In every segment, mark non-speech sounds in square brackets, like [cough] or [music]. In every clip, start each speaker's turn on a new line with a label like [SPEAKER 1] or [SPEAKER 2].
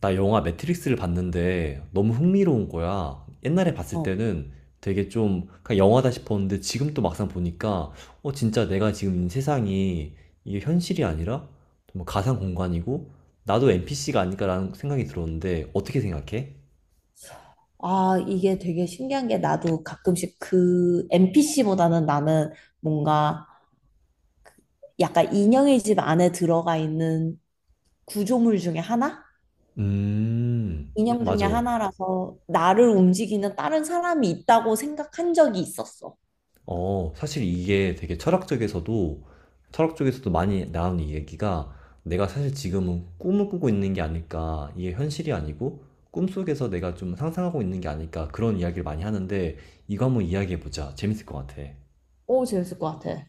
[SPEAKER 1] 나 영화 매트릭스를 봤는데 너무 흥미로운 거야. 옛날에 봤을
[SPEAKER 2] 어.
[SPEAKER 1] 때는 되게 좀 그냥 영화다 싶었는데 지금 또 막상 보니까 진짜 내가 지금 이 세상이 이게 현실이 아니라 정말 가상 공간이고 나도 NPC가 아닐까라는 생각이 들었는데 어떻게 생각해?
[SPEAKER 2] 아, 이게 되게 신기한 게 나도 가끔씩 그 NPC보다는 나는 뭔가 약간 인형의 집 안에 들어가 있는 구조물 중에 하나?
[SPEAKER 1] 음,
[SPEAKER 2] 인형 중에
[SPEAKER 1] 맞아.
[SPEAKER 2] 하나라서 나를 움직이는 다른 사람이 있다고 생각한 적이 있었어.
[SPEAKER 1] 사실 이게 되게 철학 쪽에서도 많이 나오는 얘기가 내가 사실 지금은 꿈을 꾸고 있는 게 아닐까, 이게 현실이 아니고 꿈속에서 내가 좀 상상하고 있는 게 아닐까, 그런 이야기를 많이 하는데 이거 한번 이야기해보자. 재밌을 것 같아.
[SPEAKER 2] 오, 재밌을 것 같아.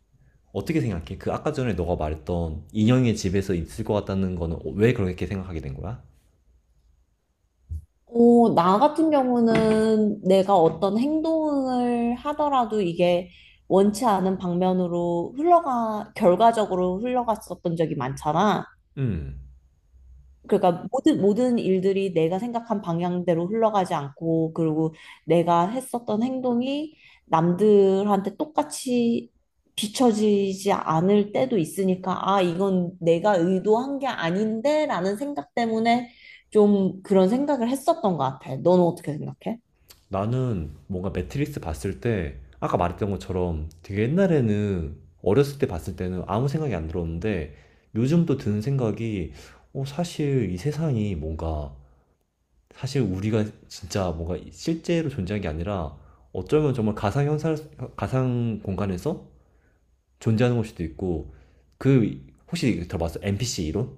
[SPEAKER 1] 어떻게 생각해? 그 아까 전에 너가 말했던 인형의 집에서 있을 것 같다는 거는 왜 그렇게 생각하게 된 거야?
[SPEAKER 2] 어, 나 같은 경우는 내가 어떤 행동을 하더라도 이게 원치 않은 방면으로 흘러가, 결과적으로 흘러갔었던 적이 많잖아.
[SPEAKER 1] 음.
[SPEAKER 2] 그러니까 모든 일들이 내가 생각한 방향대로 흘러가지 않고, 그리고 내가 했었던 행동이 남들한테 똑같이 비춰지지 않을 때도 있으니까 아, 이건 내가 의도한 게 아닌데라는 생각 때문에 좀 그런 생각을 했었던 것 같아. 너는 어떻게 생각해?
[SPEAKER 1] 나는 뭔가 매트릭스 봤을 때 아까 말했던 것처럼 되게 옛날에는 어렸을 때 봤을 때는 아무 생각이 안 들었는데 요즘 또 드는 생각이 사실 이 세상이 뭔가 사실 우리가 진짜 뭔가 실제로 존재한 게 아니라 어쩌면 정말 가상 현상 가상 공간에서 존재하는 걸 수도 있고 그 혹시 들어봤어? NPC 이론?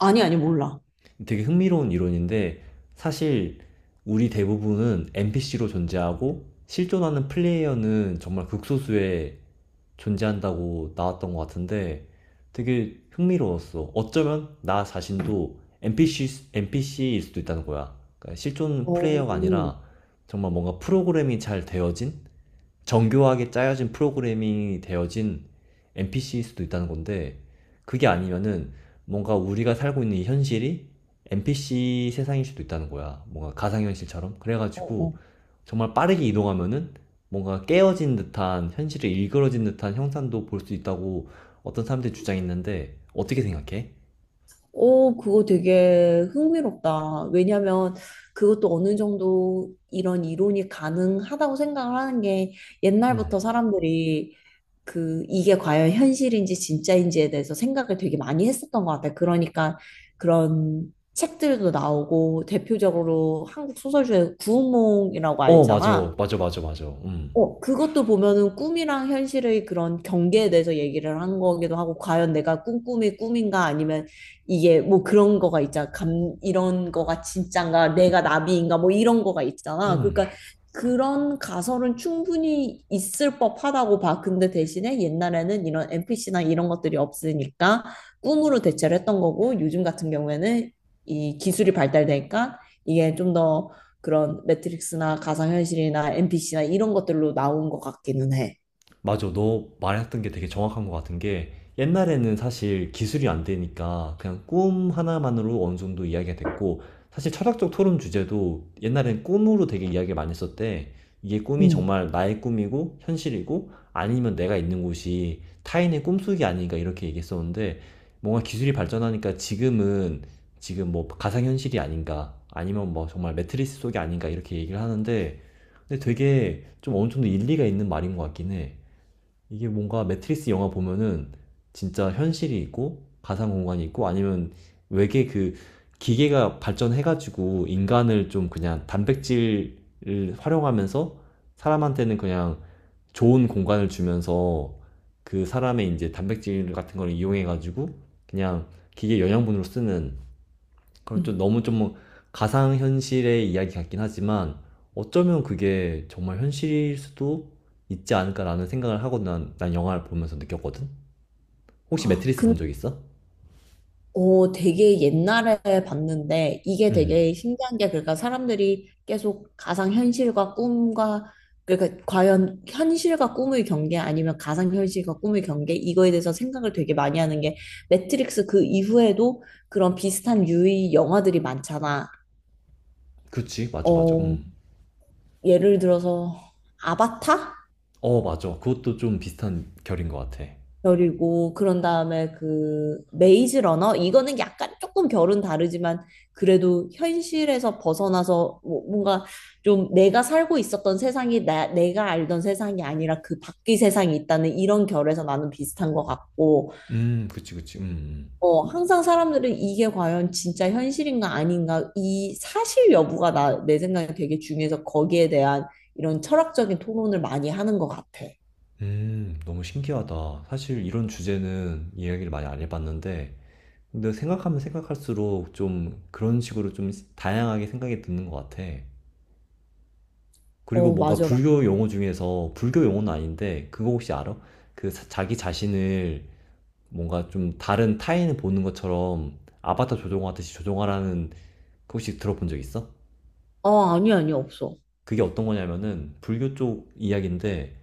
[SPEAKER 2] 아니, 아니, 몰라.
[SPEAKER 1] 되게 흥미로운 이론인데 사실 우리 대부분은 NPC로 존재하고 실존하는 플레이어는 정말 극소수에 존재한다고 나왔던 것 같은데 되게 흥미로웠어. 어쩌면 나 자신도 NPC, NPC일 수도 있다는 거야. 그러니까 실존
[SPEAKER 2] 오,
[SPEAKER 1] 플레이어가 아니라 정말 뭔가 프로그램이 잘 되어진 정교하게 짜여진 프로그래밍이 되어진 NPC일 수도 있다는 건데 그게 아니면은 뭔가 우리가 살고 있는 이 현실이 NPC 세상일 수도 있다는 거야. 뭔가 가상현실처럼.
[SPEAKER 2] 어, 어.
[SPEAKER 1] 그래가지고 정말 빠르게 이동하면은 뭔가 깨어진 듯한 현실에 일그러진 듯한 형상도 볼 수 있다고 어떤 사람들이 주장했는데 어떻게 생각해?
[SPEAKER 2] 오, 그거 되게 흥미롭다. 왜냐면 그것도 어느 정도 이런 이론이 가능하다고 생각을 하는 게, 옛날부터
[SPEAKER 1] 음.
[SPEAKER 2] 사람들이 그 이게 과연 현실인지 진짜인지에 대해서 생각을 되게 많이 했었던 것 같아요. 그러니까 그런 책들도 나오고, 대표적으로 한국 소설중에 구운몽이라고
[SPEAKER 1] 어, 맞아.
[SPEAKER 2] 알잖아.
[SPEAKER 1] 맞아, 맞아, 맞아. 음.
[SPEAKER 2] 어, 그것도 보면은 꿈이랑 현실의 그런 경계에 대해서 얘기를 한 거기도 하고, 과연 내가 꾼 꿈이 꿈인가 아니면 이게 뭐 그런 거가 있잖아. 감, 이런 거가 진짠가, 내가 나비인가 뭐 이런 거가 있잖아.
[SPEAKER 1] 음.
[SPEAKER 2] 그러니까 그런 가설은 충분히 있을 법하다고 봐. 근데 대신에 옛날에는 이런 NPC나 이런 것들이 없으니까 꿈으로 대체를 했던 거고, 요즘 같은 경우에는 이 기술이 발달되니까 이게 좀더 그런 매트릭스나 가상현실이나 NPC나 이런 것들로 나온 것 같기는 해.
[SPEAKER 1] 맞아. 너 말했던 게 되게 정확한 것 같은 게 옛날에는 사실 기술이 안 되니까 그냥 꿈 하나만으로 어느 정도 이야기가 됐고 사실 철학적 토론 주제도 옛날엔 꿈으로 되게 이야기를 많이 했었대. 이게 꿈이
[SPEAKER 2] 음.
[SPEAKER 1] 정말 나의 꿈이고 현실이고 아니면 내가 있는 곳이 타인의 꿈속이 아닌가 이렇게 얘기했었는데 뭔가 기술이 발전하니까 지금은 지금 뭐 가상현실이 아닌가 아니면 뭐 정말 매트리스 속이 아닌가 이렇게 얘기를 하는데 근데 되게 좀 어느 정도 일리가 있는 말인 것 같긴 해. 이게 뭔가 매트리스 영화 보면은 진짜 현실이 있고 가상 공간이 있고 아니면 외계 그 기계가 발전해가지고 인간을 좀 그냥 단백질을 활용하면서 사람한테는 그냥 좋은 공간을 주면서 그 사람의 이제 단백질 같은 걸 이용해가지고 그냥 기계 영양분으로 쓰는 그럼 좀
[SPEAKER 2] 음.
[SPEAKER 1] 너무 좀 가상 현실의 이야기 같긴 하지만 어쩌면 그게 정말 현실일 수도 있지 않을까라는 생각을 하고 난 영화를 보면서 느꼈거든? 혹시
[SPEAKER 2] 아,
[SPEAKER 1] 매트리스
[SPEAKER 2] 근,
[SPEAKER 1] 본 적 있어?
[SPEAKER 2] 어, 되게 옛날에 봤는데 이게
[SPEAKER 1] 음,
[SPEAKER 2] 되게 신기한 게, 그러니까 사람들이 계속 가상현실과 꿈과, 그러니까 과연 현실과 꿈의 경계 아니면 가상현실과 꿈의 경계 이거에 대해서 생각을 되게 많이 하는 게, 매트릭스 그 이후에도 그런 비슷한 유의 영화들이 많잖아.
[SPEAKER 1] 그치, 맞아, 맞아,
[SPEAKER 2] 어, 예를 들어서 아바타?
[SPEAKER 1] 어, 맞아. 그것도 좀 비슷한 결인 것 같아.
[SPEAKER 2] 결이고, 그런 다음에 그 메이즈 러너 이거는 약간 조금 결은 다르지만, 그래도 현실에서 벗어나서 뭔가 좀 내가 살고 있었던 세상이 내가 알던 세상이 아니라 그 밖의 세상이 있다는 이런 결에서 나는 비슷한 것 같고.
[SPEAKER 1] 그치, 그치,
[SPEAKER 2] 어, 항상 사람들은 이게 과연 진짜 현실인가 아닌가 이 사실 여부가 내 생각에 되게 중요해서, 거기에 대한 이런 철학적인 토론을 많이 하는 것 같아.
[SPEAKER 1] 너무 신기하다. 사실 이런 주제는 이야기를 많이 안 해봤는데, 근데 생각하면 생각할수록 좀 그런 식으로 좀 다양하게 생각이 드는 것 같아. 그리고
[SPEAKER 2] 어,
[SPEAKER 1] 뭔가
[SPEAKER 2] 맞아.
[SPEAKER 1] 불교 용어 중에서 불교 용어는 아닌데 그거 혹시 알아? 그 자기 자신을 뭔가 좀 다른 타인을 보는 것처럼 아바타 조종하듯이 조종하라는 그 혹시 들어본 적 있어?
[SPEAKER 2] 어, 아니, 아니, 없어.
[SPEAKER 1] 그게 어떤 거냐면은 불교 쪽 이야기인데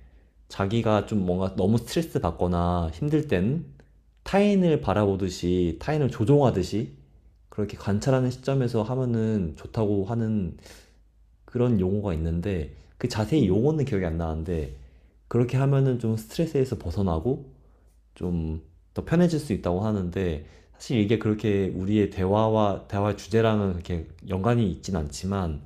[SPEAKER 1] 자기가 좀 뭔가 너무 스트레스 받거나 힘들 땐 타인을 바라보듯이 타인을 조종하듯이 그렇게 관찰하는 시점에서 하면은 좋다고 하는 그런 용어가 있는데 그 자세히
[SPEAKER 2] 음.
[SPEAKER 1] 용어는 기억이 안 나는데 그렇게 하면은 좀 스트레스에서 벗어나고 좀 더 편해질 수 있다고 하는데 사실 이게 그렇게 우리의 대화와 대화 주제랑은 그렇게 연관이 있진 않지만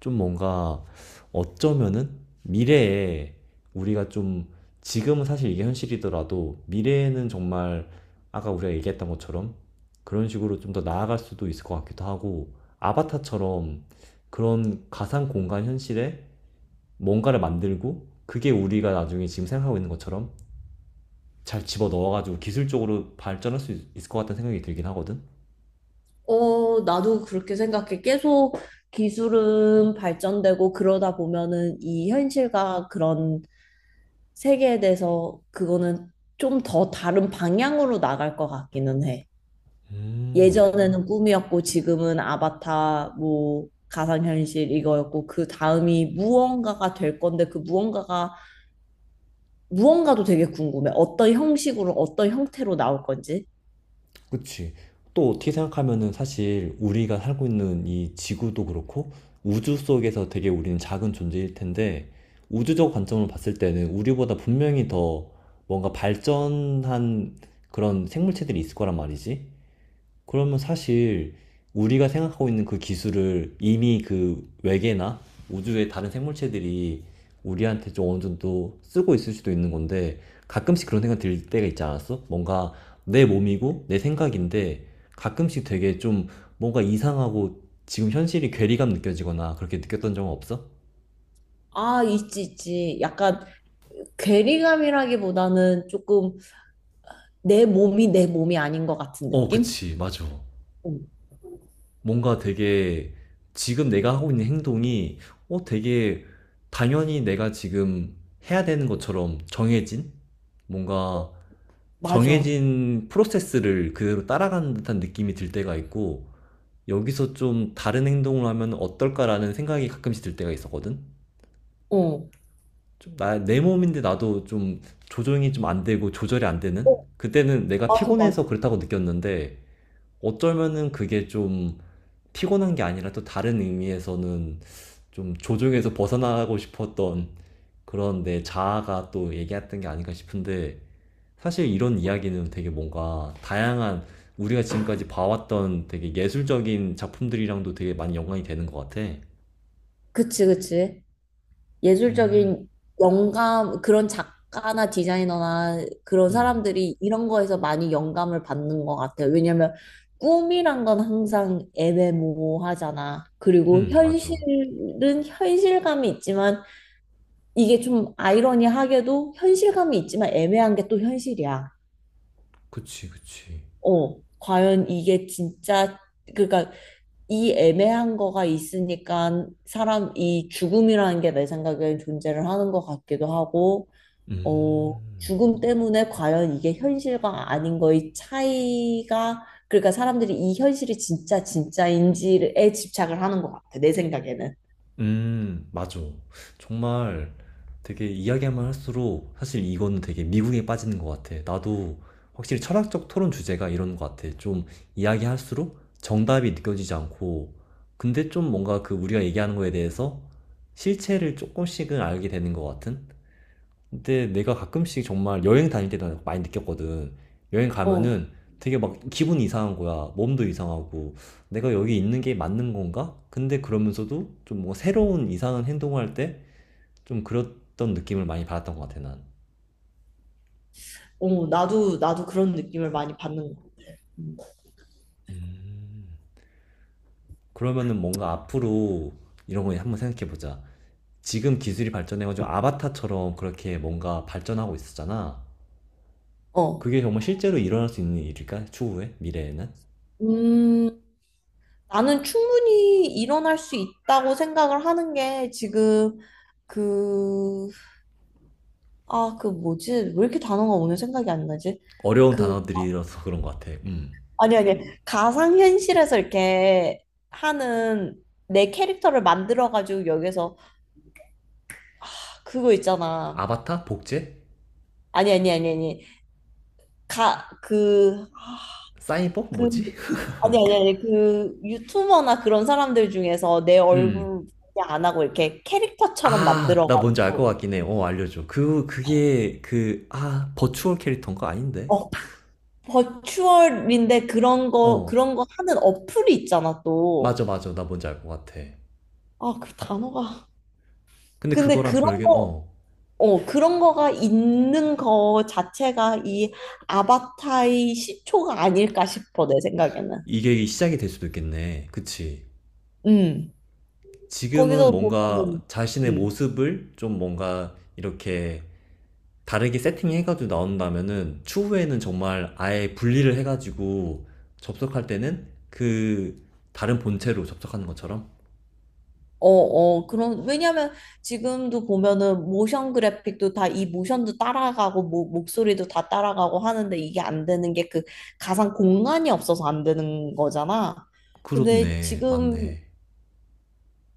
[SPEAKER 1] 좀 뭔가 어쩌면은 미래에 우리가 좀 지금은 사실 이게 현실이더라도 미래에는 정말 아까 우리가 얘기했던 것처럼 그런 식으로 좀 더 나아갈 수도 있을 것 같기도 하고 아바타처럼 그런 가상 공간 현실에 뭔가를 만들고 그게 우리가 나중에 지금 생각하고 있는 것처럼 잘 집어 넣어가지고 기술적으로 발전할 수 있- 을 것 같다는 생각이 들긴 하거든.
[SPEAKER 2] 어, 나도 그렇게 생각해. 계속 기술은 발전되고 그러다 보면은 이 현실과 그런 세계에 대해서 그거는 좀 더 다른 방향으로 나갈 것 같기는 해.
[SPEAKER 1] 음.
[SPEAKER 2] 예전에는 꿈이었고 지금은 아바타 뭐 가상현실 이거였고, 그 다음이 무언가가 될 건데, 그 무언가가, 무언가도 되게 궁금해. 어떤 형식으로 어떤 형태로 나올 건지.
[SPEAKER 1] 그치. 또 어떻게 생각하면은 사실 우리가 살고 있는 이 지구도 그렇고 우주 속에서 되게 우리는 작은 존재일 텐데 우주적 관점으로 봤을 때는 우리보다 분명히 더 뭔가 발전한 그런 생물체들이 있을 거란 말이지. 그러면 사실 우리가 생각하고 있는 그 기술을 이미 그 외계나 우주의 다른 생물체들이 우리한테 좀 어느 정도 쓰고 있을 수도 있는 건데 가끔씩 그런 생각 들 때가 있지 않았어? 뭔가 내 몸이고 내 생각인데 가끔씩 되게 좀 뭔가 이상하고 지금 현실이 괴리감 느껴지거나 그렇게 느꼈던 적은 없어?
[SPEAKER 2] 아, 있지, 있지. 약간 괴리감이라기보다는 조금 내 몸이 내 몸이 아닌 것 같은
[SPEAKER 1] 어,
[SPEAKER 2] 느낌?
[SPEAKER 1] 그치, 맞아.
[SPEAKER 2] 어,
[SPEAKER 1] 뭔가 되게 지금 내가 하고 있는 행동이 되게 당연히 내가 지금 해야 되는 것처럼 정해진 뭔가
[SPEAKER 2] 맞아.
[SPEAKER 1] 정해진 프로세스를 그대로 따라가는 듯한 느낌이 들 때가 있고 여기서 좀 다른 행동을 하면 어떨까라는 생각이 가끔씩 들 때가 있었거든.
[SPEAKER 2] 어.
[SPEAKER 1] 좀 내 몸인데 나도 좀 조정이 좀 안 되고 조절이 안 되는?
[SPEAKER 2] 어,
[SPEAKER 1] 그때는 내가
[SPEAKER 2] 맞아, 맞아.
[SPEAKER 1] 피곤해서 그렇다고 느꼈는데 어쩌면은 그게 좀 피곤한 게 아니라 또 다른 의미에서는 좀 조종에서 벗어나고 싶었던 그런 내 자아가 또 얘기했던 게 아닌가 싶은데 사실 이런 이야기는 되게 뭔가 다양한 우리가 지금까지 봐왔던 되게 예술적인 작품들이랑도 되게 많이 연관이 되는 것 같아.
[SPEAKER 2] 그치, 그치.
[SPEAKER 1] 음,
[SPEAKER 2] 예술적인 영감, 그런 작가나 디자이너나 그런
[SPEAKER 1] 음,
[SPEAKER 2] 사람들이 이런 거에서 많이 영감을 받는 것 같아요. 왜냐면 꿈이란 건 항상 애매모호하잖아. 그리고
[SPEAKER 1] 맞아.
[SPEAKER 2] 현실은 현실감이 있지만, 이게 좀 아이러니하게도 현실감이 있지만 애매한 게 또 현실이야.
[SPEAKER 1] 그치, 그치.
[SPEAKER 2] 어, 과연 이게 진짜, 그러니까 이 애매한 거가 있으니까 사람, 이 죽음이라는 게 내 생각엔 존재를 하는 것 같기도 하고, 어,
[SPEAKER 1] 음.
[SPEAKER 2] 죽음 때문에 과연 이게 현실과 아닌 거의 차이가, 그러니까 사람들이 이 현실이 진짜 진짜인지에 집착을 하는 것 같아, 내 생각에는.
[SPEAKER 1] 맞아. 정말 되게 이야기만 할수록 사실 이거는 되게 미국에 빠지는 것 같아. 나도 확실히 철학적 토론 주제가 이런 것 같아. 좀 이야기할수록 정답이 느껴지지 않고, 근데 좀 뭔가 그 우리가 얘기하는 거에 대해서 실체를 조금씩은 알게 되는 것 같은? 근데 내가 가끔씩 정말 여행 다닐 때도 많이 느꼈거든. 여행
[SPEAKER 2] 어,
[SPEAKER 1] 가면은 되게 막 기분이 이상한 거야. 몸도 이상하고. 내가 여기 있는 게 맞는 건가? 근데 그러면서도 좀 뭔가 새로운 이상한 행동을 할 때 좀 그랬던 느낌을 많이 받았던 것 같아, 난.
[SPEAKER 2] 어, 나도 그런 느낌을 많이 받는 거.
[SPEAKER 1] 그러면은 뭔가 앞으로 이런 거 한번 생각해 보자. 지금 기술이 발전해가지고 아바타처럼 그렇게 뭔가 발전하고 있었잖아.
[SPEAKER 2] 어.
[SPEAKER 1] 그게 정말 실제로 일어날 수 있는 일일까? 추후에? 미래에는?
[SPEAKER 2] 음, 나는 충분히 일어날 수 있다고 생각을 하는 게, 지금 그, 아, 그 뭐지? 왜 이렇게 단어가 오늘 생각이 안 나지?
[SPEAKER 1] 어려운
[SPEAKER 2] 그,
[SPEAKER 1] 단어들이라서 그런 것 같아. 음.
[SPEAKER 2] 아니, 아니, 가상현실에서 이렇게 하는 내 캐릭터를 만들어가지고 여기서 그거 있잖아.
[SPEAKER 1] 아바타? 복제?
[SPEAKER 2] 아니, 아니, 아니, 아니. 가, 그,
[SPEAKER 1] 사이버?
[SPEAKER 2] 그,
[SPEAKER 1] 뭐지?
[SPEAKER 2] 아니, 아니, 아니. 그 유튜버나 그런 사람들 중에서 내
[SPEAKER 1] [laughs]
[SPEAKER 2] 얼굴
[SPEAKER 1] 음.
[SPEAKER 2] 공개 안 하고 이렇게 캐릭터처럼
[SPEAKER 1] 아, 나 뭔지 알 것
[SPEAKER 2] 만들어가지고.
[SPEAKER 1] 같긴 해. 어, 알려줘. 아, 버추얼 캐릭터인가? 아닌데?
[SPEAKER 2] 어, 버추얼인데 그런 거
[SPEAKER 1] 어,
[SPEAKER 2] 그런 거 하는 어플이 있잖아 또.
[SPEAKER 1] 맞아, 맞아. 나 뭔지 알 것 같아.
[SPEAKER 2] 아, 그 단어가.
[SPEAKER 1] 근데
[SPEAKER 2] 근데
[SPEAKER 1] 그거랑
[SPEAKER 2] 그런
[SPEAKER 1] 별개,
[SPEAKER 2] 거,
[SPEAKER 1] 어,
[SPEAKER 2] 어, 그런 거가 있는 거 자체가 이 아바타의 시초가 아닐까 싶어 내 생각에는.
[SPEAKER 1] 이게 시작이 될 수도 있겠네. 그치.
[SPEAKER 2] 음.
[SPEAKER 1] 지금은
[SPEAKER 2] 거기서
[SPEAKER 1] 뭔가
[SPEAKER 2] 보면은
[SPEAKER 1] 자신의
[SPEAKER 2] 음.
[SPEAKER 1] 모습을 좀 뭔가 이렇게 다르게 세팅해가지고 나온다면은 추후에는 정말 아예 분리를 해가지고 접속할 때는 그 다른 본체로 접속하는 것처럼
[SPEAKER 2] 어, 어, 그런, 왜냐면 지금도 보면은 모션 그래픽도 다 이 모션도 따라가고, 뭐, 목소리도 다 따라가고 하는데, 이게 안 되는 게 그 가상 공간이 없어서 안 되는 거잖아. 근데
[SPEAKER 1] 그렇네.
[SPEAKER 2] 지금
[SPEAKER 1] 맞네.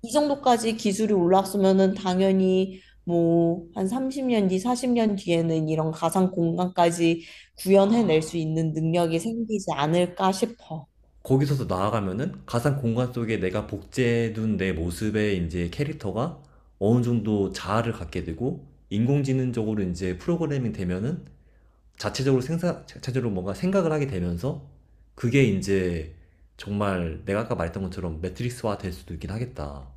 [SPEAKER 2] 이 정도까지 기술이 올랐으면은 당연히 뭐, 한 30년 뒤, 40년 뒤에는 이런 가상 공간까지 구현해낼 수 있는 능력이 생기지 않을까 싶어.
[SPEAKER 1] 거기서도 나아가면은 가상 공간 속에 내가 복제해둔 내 모습의 이제 캐릭터가 어느 정도 자아를 갖게 되고 인공지능적으로 이제 프로그래밍 되면은 자체적으로 뭔가 생각을 하게 되면서 그게 이제 정말 내가 아까 말했던 것처럼 매트릭스화 될 수도 있긴 하겠다.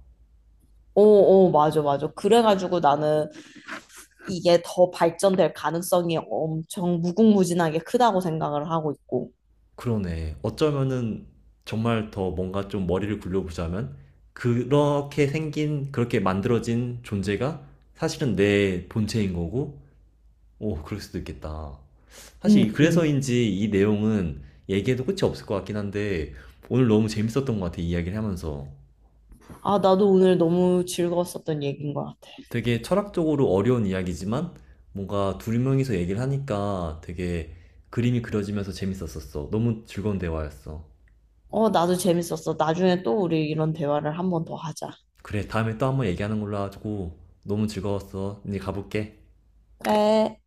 [SPEAKER 2] 어, 어, 맞아, 맞아. 그래가지고 나는 이게 더 발전될 가능성이 엄청 무궁무진하게 크다고 생각을 하고 있고.
[SPEAKER 1] 그러네. 어쩌면은 정말 더 뭔가 좀 머리를 굴려보자면 그렇게 만들어진 존재가 사실은 내 본체인 거고, 오, 그럴 수도 있겠다.
[SPEAKER 2] 음,
[SPEAKER 1] 사실
[SPEAKER 2] 음.
[SPEAKER 1] 그래서인지 이 내용은 얘기해도 끝이 없을 것 같긴 한데 오늘 너무 재밌었던 것 같아, 이야기를 하면서.
[SPEAKER 2] 아, 나도 오늘 너무 즐거웠었던 얘기인 것 같아.
[SPEAKER 1] 되게 철학적으로 어려운 이야기지만 뭔가 2명이서 얘기를 하니까 되게 그림이 그려지면서 재밌었었어. 너무 즐거운 대화였어.
[SPEAKER 2] 어, 나도 재밌었어. 나중에 또 우리 이런 대화를 한번 더 하자.
[SPEAKER 1] 그래, 다음에 또 한번 얘기하는 걸로 하고 너무 즐거웠어. 이제 가볼게.
[SPEAKER 2] 그래.